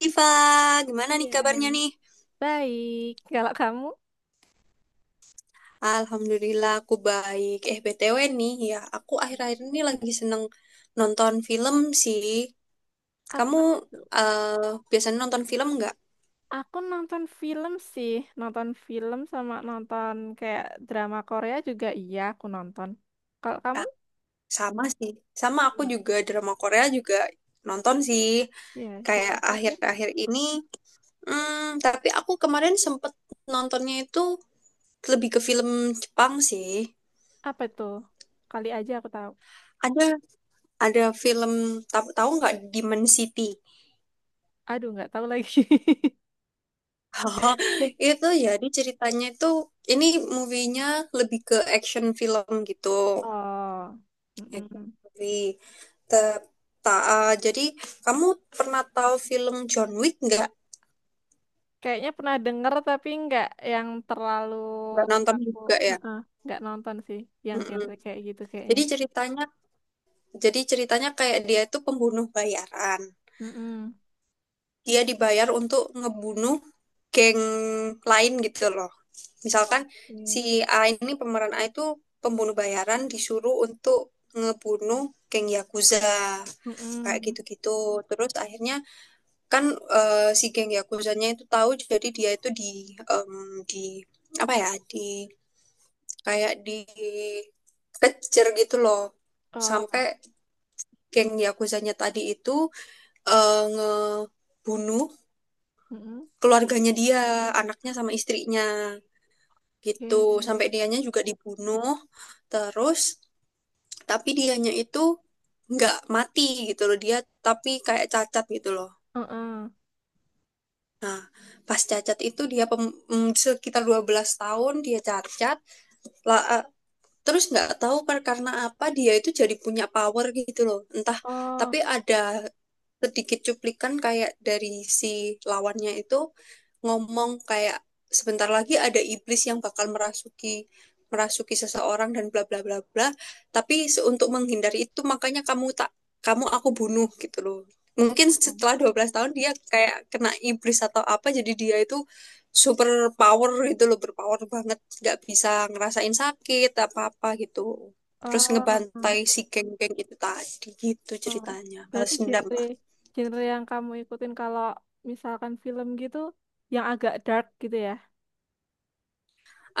Diva, gimana nih kabarnya Iya. nih? Baik. Kalau kamu, Alhamdulillah aku baik. BTW nih ya, aku akhir-akhir ini lagi seneng nonton film sih. Kamu apa tuh? Biasanya nonton film nggak? Aku nonton film sih, nonton film sama nonton kayak drama Korea juga iya aku nonton. Kalau kamu Ah, sama sih. Sama aku sama. juga drama Korea juga nonton sih. Ya, yang Kayak terakhir akhir-akhir ini. Hmm, tapi aku kemarin sempet nontonnya itu lebih ke film Jepang sih. apa tuh? Kali aja aku tahu. Ada ada film tahu tahu nggak Demon City? Aduh, nggak tahu lagi. Oh, itu jadi ceritanya itu ini movie-nya lebih ke action film gitu. Oh, Action mm-mm. movie. Te- jadi kamu pernah tahu film John Wick nggak? Kayaknya pernah denger tapi nggak yang terlalu Nggak nonton aku. juga ya? Heeh, nggak nonton sih yang Mm-mm. genre kayak gitu Jadi kayaknya. ceritanya, jadi ceritanya kayak dia itu pembunuh bayaran. Mm-mm. Dia dibayar untuk ngebunuh geng lain gitu loh. Misalkan si Oke. A ini pemeran A itu pembunuh bayaran disuruh untuk ngebunuh geng Yakuza kayak Mm-mm. gitu-gitu. Terus akhirnya kan si geng Yakuzanya itu tahu jadi dia itu di di apa ya di kayak di kejar gitu loh sampai Oh, geng Yakuzanya tadi itu ngebunuh mm-mm. keluarganya dia, anaknya sama istrinya gitu. Oke. Sampai dianya juga dibunuh. Terus tapi dianya itu nggak mati gitu loh dia tapi kayak cacat gitu loh. Heeh. Nah, pas cacat itu dia sekitar 12 tahun dia cacat. La- eh, terus nggak tahu karena apa dia itu jadi punya power gitu loh. Entah Oh, tapi ada sedikit cuplikan kayak dari si lawannya itu ngomong kayak sebentar lagi ada iblis yang bakal merasuki merasuki seseorang dan bla bla bla bla. Tapi untuk menghindari itu makanya kamu tak kamu aku bunuh gitu loh. Mungkin setelah 12 tahun dia kayak kena iblis atau apa jadi dia itu super power gitu loh, berpower banget, nggak bisa ngerasain sakit apa-apa gitu. Terus ngebantai oh, si geng-geng itu tadi gitu oh. ceritanya, Berarti balas dendam. genre genre yang kamu ikutin kalau misalkan film gitu yang agak dark gitu ya,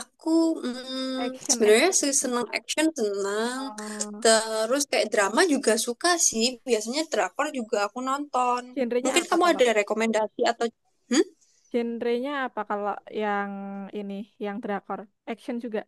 Aku action sebenarnya action sih gitu. seneng action seneng, Oh, terus kayak drama juga suka sih. Biasanya drakor juga aku nonton. genrenya Mungkin apa kamu kalau ada rekomendasi atau hmm? genrenya apa kalau yang ini yang drakor, action juga.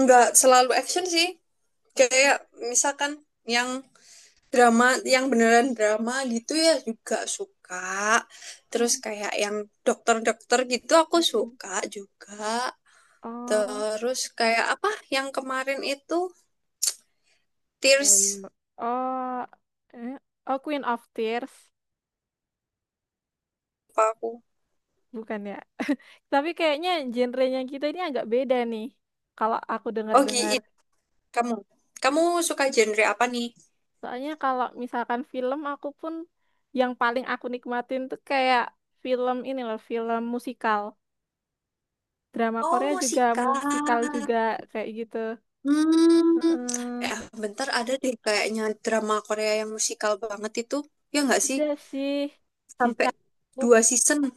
Nggak selalu action sih. Oh, Kayak misalkan yang drama, yang beneran drama gitu ya juga suka. Terus oh, kayak yang dokter-dokter gitu aku mm-mm. suka juga. Oh, Terus kayak apa yang kemarin itu apa ya? Tears Oh, eh, oh Queen of Tears apa aku? bukan ya? Tapi kayaknya genrenya kita ini agak beda nih. Kalau aku Oh, dengar-dengar. Gi- Kamu, kamu suka genre apa nih? Soalnya kalau misalkan film aku pun yang paling aku nikmatin tuh kayak film ini loh, film musikal. Drama Oh, Korea juga musikal. musikal juga kayak gitu. Hmm, Heeh. Bentar ada deh kayaknya drama Korea yang musikal banget itu. Ya nggak sih? Ada sih Sampai Jicangkook. dua season.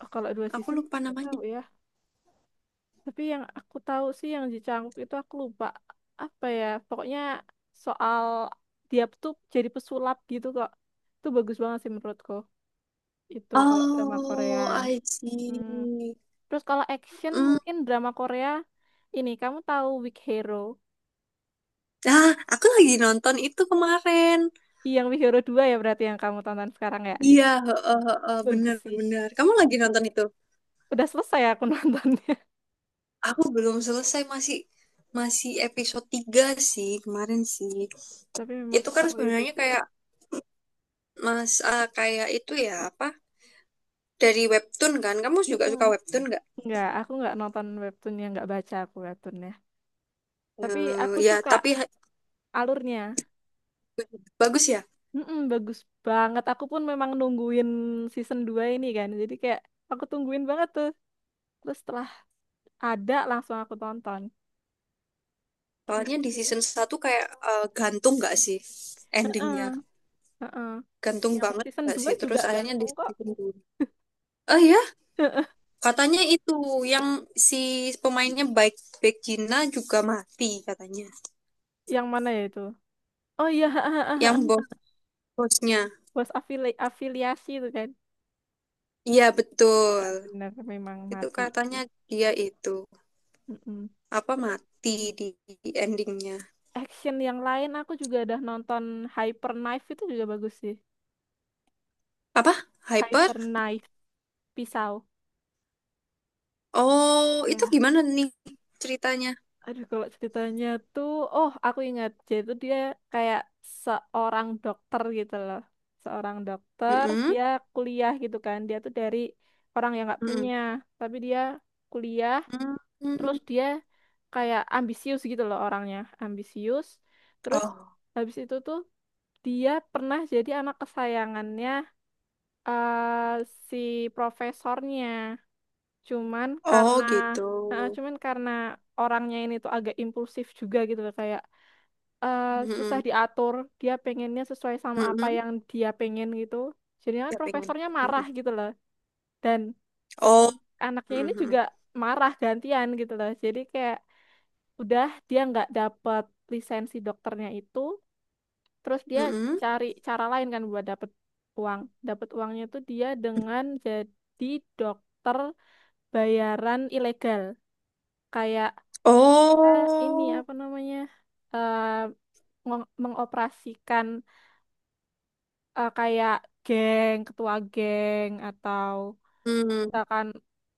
Oh, kalau dua Aku season lupa nggak namanya. tahu ya. Tapi yang aku tahu sih yang Jicangkook itu aku lupa apa ya. Pokoknya soal dia tuh jadi pesulap gitu kok. Itu bagus banget sih menurutku. Itu kalau drama Korea. Oh, I Hmm. see. Terus kalau action Hmm. mungkin drama Korea ini, kamu tahu Weak Hero? Ah, aku lagi nonton itu kemarin. Ih, yang Weak Hero 2 ya berarti yang kamu tonton sekarang ya. Iya, heeh, heeh, Bagus sih. bener-bener. Kamu lagi nonton itu? Udah selesai aku nontonnya. Aku belum selesai, masih masih episode 3 sih kemarin sih. Tapi memang Itu kan seseru itu sebenarnya sih. kayak kayak itu ya, apa? Dari webtoon kan? Kamu juga Mm-mm. suka webtoon nggak? Nggak, aku nggak nonton webtoonnya, nggak baca aku webtoonnya. Tapi Eh, aku ya, suka tapi ha- alurnya. bagus ya. Mm-mm, bagus banget. Aku pun memang nungguin season 2 ini kan. Jadi kayak aku tungguin banget tuh. Terus setelah ada langsung aku tonton. Soalnya di Gitu. season satu kayak gantung nggak sih endingnya? Heeh. Heeh. Gantung Yang banget season nggak 2 sih? Terus juga akhirnya di ganteng kok. season 2 Eh ya, Heeh. katanya itu yang si pemainnya baik baik Gina juga mati katanya. Yang mana ya itu? Oh iya, Yang bos-bosnya. bos afiliasi itu kan. Iya, Iya, betul. bener memang Itu mati sih. katanya dia itu Mm-mm. apa Terus mati di endingnya. action yang lain aku juga udah nonton Hyper Knife itu juga bagus sih. Apa? Hyper? Hyper Knife pisau. Oh, itu Ya. gimana nih ceritanya? Aduh, kalau ceritanya tuh, oh aku ingat, jadi tuh dia kayak seorang dokter gitu loh. Seorang dokter, Mm-mm, dia kuliah gitu kan. Dia tuh dari orang yang nggak mm-mm, punya, tapi dia kuliah, terus mm-mm. dia kayak ambisius gitu loh orangnya, ambisius. Terus Oh, habis itu tuh dia pernah jadi anak kesayangannya eh, si profesornya. Cuman oh karena gitu. cuman karena orangnya ini tuh agak impulsif juga gitu loh, kayak eh, susah Mm-mm, diatur, dia pengennya sesuai sama apa mm-mm. yang dia pengen gitu. Jadi kan Ya pengen. profesornya marah Mm-mm. gitu loh. Dan si Oh, anaknya ini mm-mm, juga marah gantian gitu loh. Jadi kayak udah dia nggak dapet lisensi dokternya itu, terus dia mm-mm. cari cara lain kan buat dapet uang. Dapet uangnya tuh dia dengan jadi dokter bayaran ilegal kayak kita ini Oh, apa namanya eh, mengoperasikan kayak geng, ketua geng atau mm. misalkan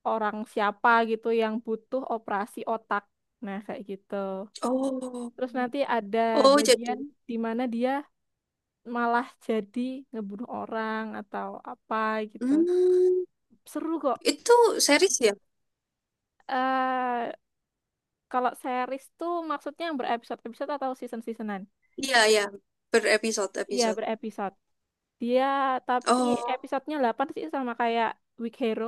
orang siapa gitu yang butuh operasi otak. Nah, kayak gitu. Oh, Terus nanti ada oh jadi. bagian di mana dia malah jadi ngebunuh orang atau apa gitu. Hmm, Seru kok. itu series ya? eh Kalau series tuh maksudnya yang berepisode-episode atau season-seasonan? Iya, ya. Berepisode, Iya, episode. berepisode. Dia tapi Oh, episodenya 8 sih sama kayak Weak Hero.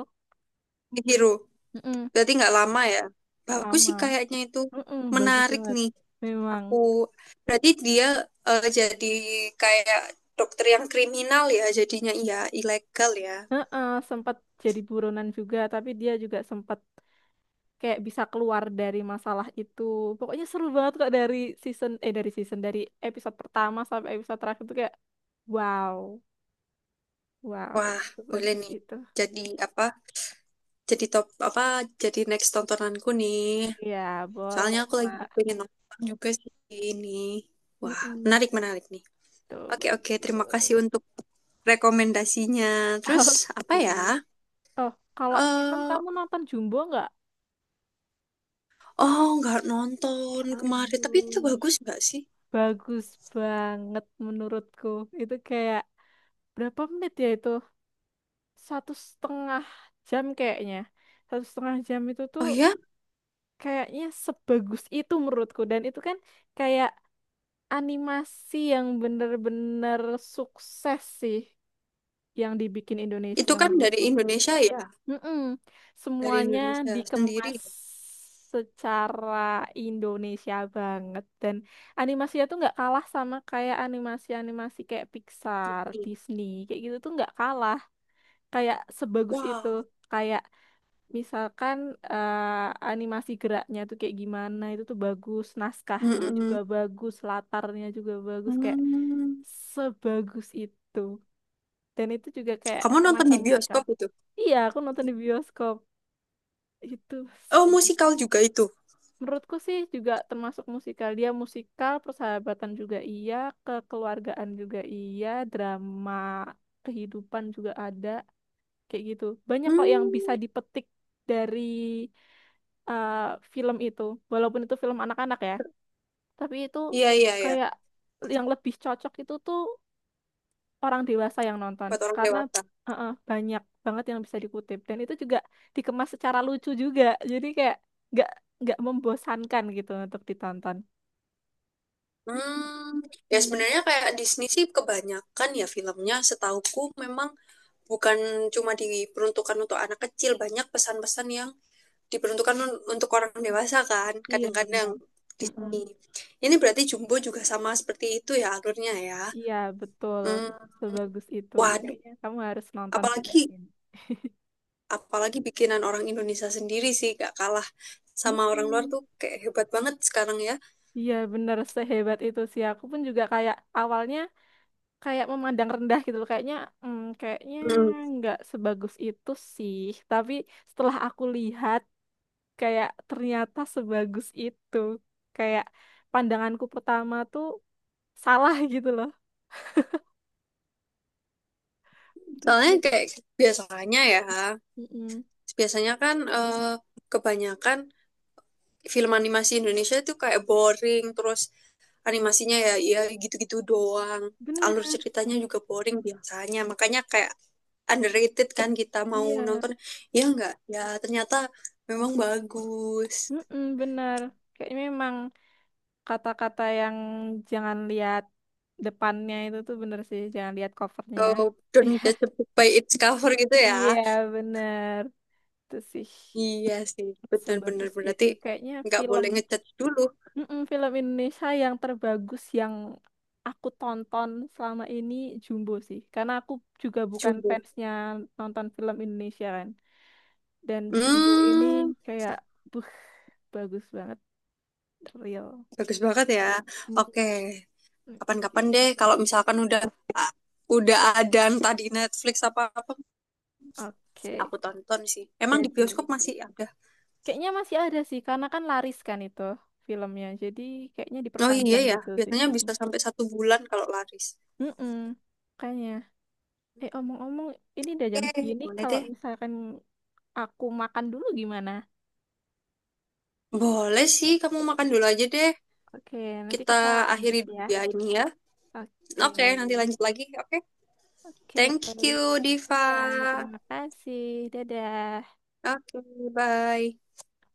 Big Hero. Mm-mm. Berarti nggak lama ya? Gak Bagus lama. sih kayaknya itu. Mm-mm, bagus Menarik banget. nih. Memang. Aku berarti dia jadi kayak dokter yang kriminal ya jadinya iya ilegal ya. Heeh, sempat jadi buronan juga, tapi dia juga sempat kayak bisa keluar dari masalah itu. Pokoknya seru banget kok dari season eh dari season dari episode pertama sampai episode terakhir tuh kayak wow, wow, Wah, boleh bagus nih. itu. Jadi apa? Jadi top apa? Jadi next tontonanku nih. Iya, Soalnya boleh aku lagi lah. pengen nonton juga sih ini. Wah, Mm-mm, menarik menarik nih. tuh Oke oke, bagus. terima kasih untuk rekomendasinya. Terus apa Oke. ya? Oh, kalau film eh kamu nonton Jumbo nggak? oh, nggak nonton kemarin, tapi itu Aduh, bagus nggak sih? bagus banget menurutku. Itu kayak berapa menit ya itu? Satu setengah jam kayaknya. Satu setengah jam itu tuh Oh ya, kayaknya sebagus itu menurutku. Dan itu kan kayak animasi yang bener-bener sukses sih yang dibikin Indonesia itu kan dari menurutku. Indonesia ya? Mm-mm. Dari Semuanya Indonesia sendiri. dikemas secara Indonesia banget dan animasinya tuh nggak kalah sama kayak animasi-animasi kayak Pixar, Disney kayak gitu tuh nggak kalah kayak sebagus itu, Wow. kayak misalkan animasi geraknya tuh kayak gimana itu tuh bagus, naskahnya juga Mm-mm. bagus, latarnya juga bagus, kayak Hmm. sebagus itu, dan itu juga kayak Kamu nonton semacam di musikal, bioskop itu? iya aku nonton di bioskop itu. Oh, sebe- musikal juga itu. Menurutku sih juga termasuk musikal. Dia musikal, persahabatan juga iya, kekeluargaan juga iya, drama kehidupan juga ada, kayak gitu. Banyak kok yang bisa Hmm. dipetik dari eh, film itu. Walaupun itu film anak-anak ya, tapi itu Iya, iya, iya. kayak yang lebih cocok itu tuh orang dewasa yang nonton Buat orang karena dewasa. uh-uh, banyak banget yang bisa dikutip dan itu juga dikemas secara lucu juga jadi kayak nggak nggak membosankan gitu untuk ditonton. Hmm. Ya Hmm, sebenarnya kayak Disney sih kebanyakan ya filmnya setauku memang bukan cuma diperuntukkan untuk anak kecil, banyak pesan-pesan yang diperuntukkan untuk orang dewasa kan, iya kadang-kadang benar. Mm-mm. Disney. Ini berarti Jumbo juga sama seperti itu ya alurnya ya. Iya betul Hmm. sebagus itu Waduh, kayaknya kamu harus nonton juga, apalagi Tin. apalagi bikinan orang Indonesia sendiri sih gak kalah sama orang luar Mm-mm. tuh kayak hebat banget sekarang ya. Iya benar sehebat itu sih aku pun juga kayak awalnya kayak memandang rendah gitu loh. Kayaknya Hmm. nggak sebagus itu sih, tapi setelah aku lihat kayak ternyata sebagus itu, kayak pandanganku pertama tuh salah gitu loh. Soalnya Bener-bener. kayak biasanya ya, Mm-mm. biasanya kan kebanyakan film animasi Indonesia itu kayak boring, terus animasinya ya ya gitu-gitu doang. Alur Bener. ceritanya juga boring biasanya. Makanya kayak underrated kan kita mau Iya. nonton ya enggak ya ternyata memang bagus. Mm-mm, bener kayaknya memang kata-kata yang jangan lihat depannya itu tuh bener sih, jangan lihat covernya. Oh, don't judge a book by its cover gitu ya. Iya bener itu sih, Iya sih, benar-benar sebagus berarti itu kayaknya nggak film. boleh ngecat dulu, Mm-mm, film Indonesia yang terbagus yang aku tonton selama ini Jumbo sih. Karena aku juga bukan jumbo. fansnya nonton film Indonesia kan. Dan Jumbo ini Hmm, kayak, buh, bagus banget. Real. bagus banget ya. Mm-mm. Oke, kapan-kapan Oke. deh kalau misalkan udah ah, udah ada entah di Netflix apa-apa, Oke. aku tonton sih. Emang di Jadi, bioskop Lisya. masih ada? Kayaknya masih ada sih, karena kan laris kan itu filmnya. Jadi kayaknya Oh iya diperpanjang ya, gitu sih. biasanya Mm-mm. bisa sampai satu bulan kalau laris. Mm-mm. Kayaknya. Eh, omong-omong, ini udah jam Oke, segini. boleh Kalau deh. misalkan, aku makan dulu gimana? Boleh sih, kamu makan dulu aja deh. Oke, nanti Kita kita akhiri lanjut dulu ya. ya ini ya. Oke, Oke, nanti lanjut lagi. Oke, oke. thank you, Diva. Iya, terima kasih. Dadah. Oke, bye.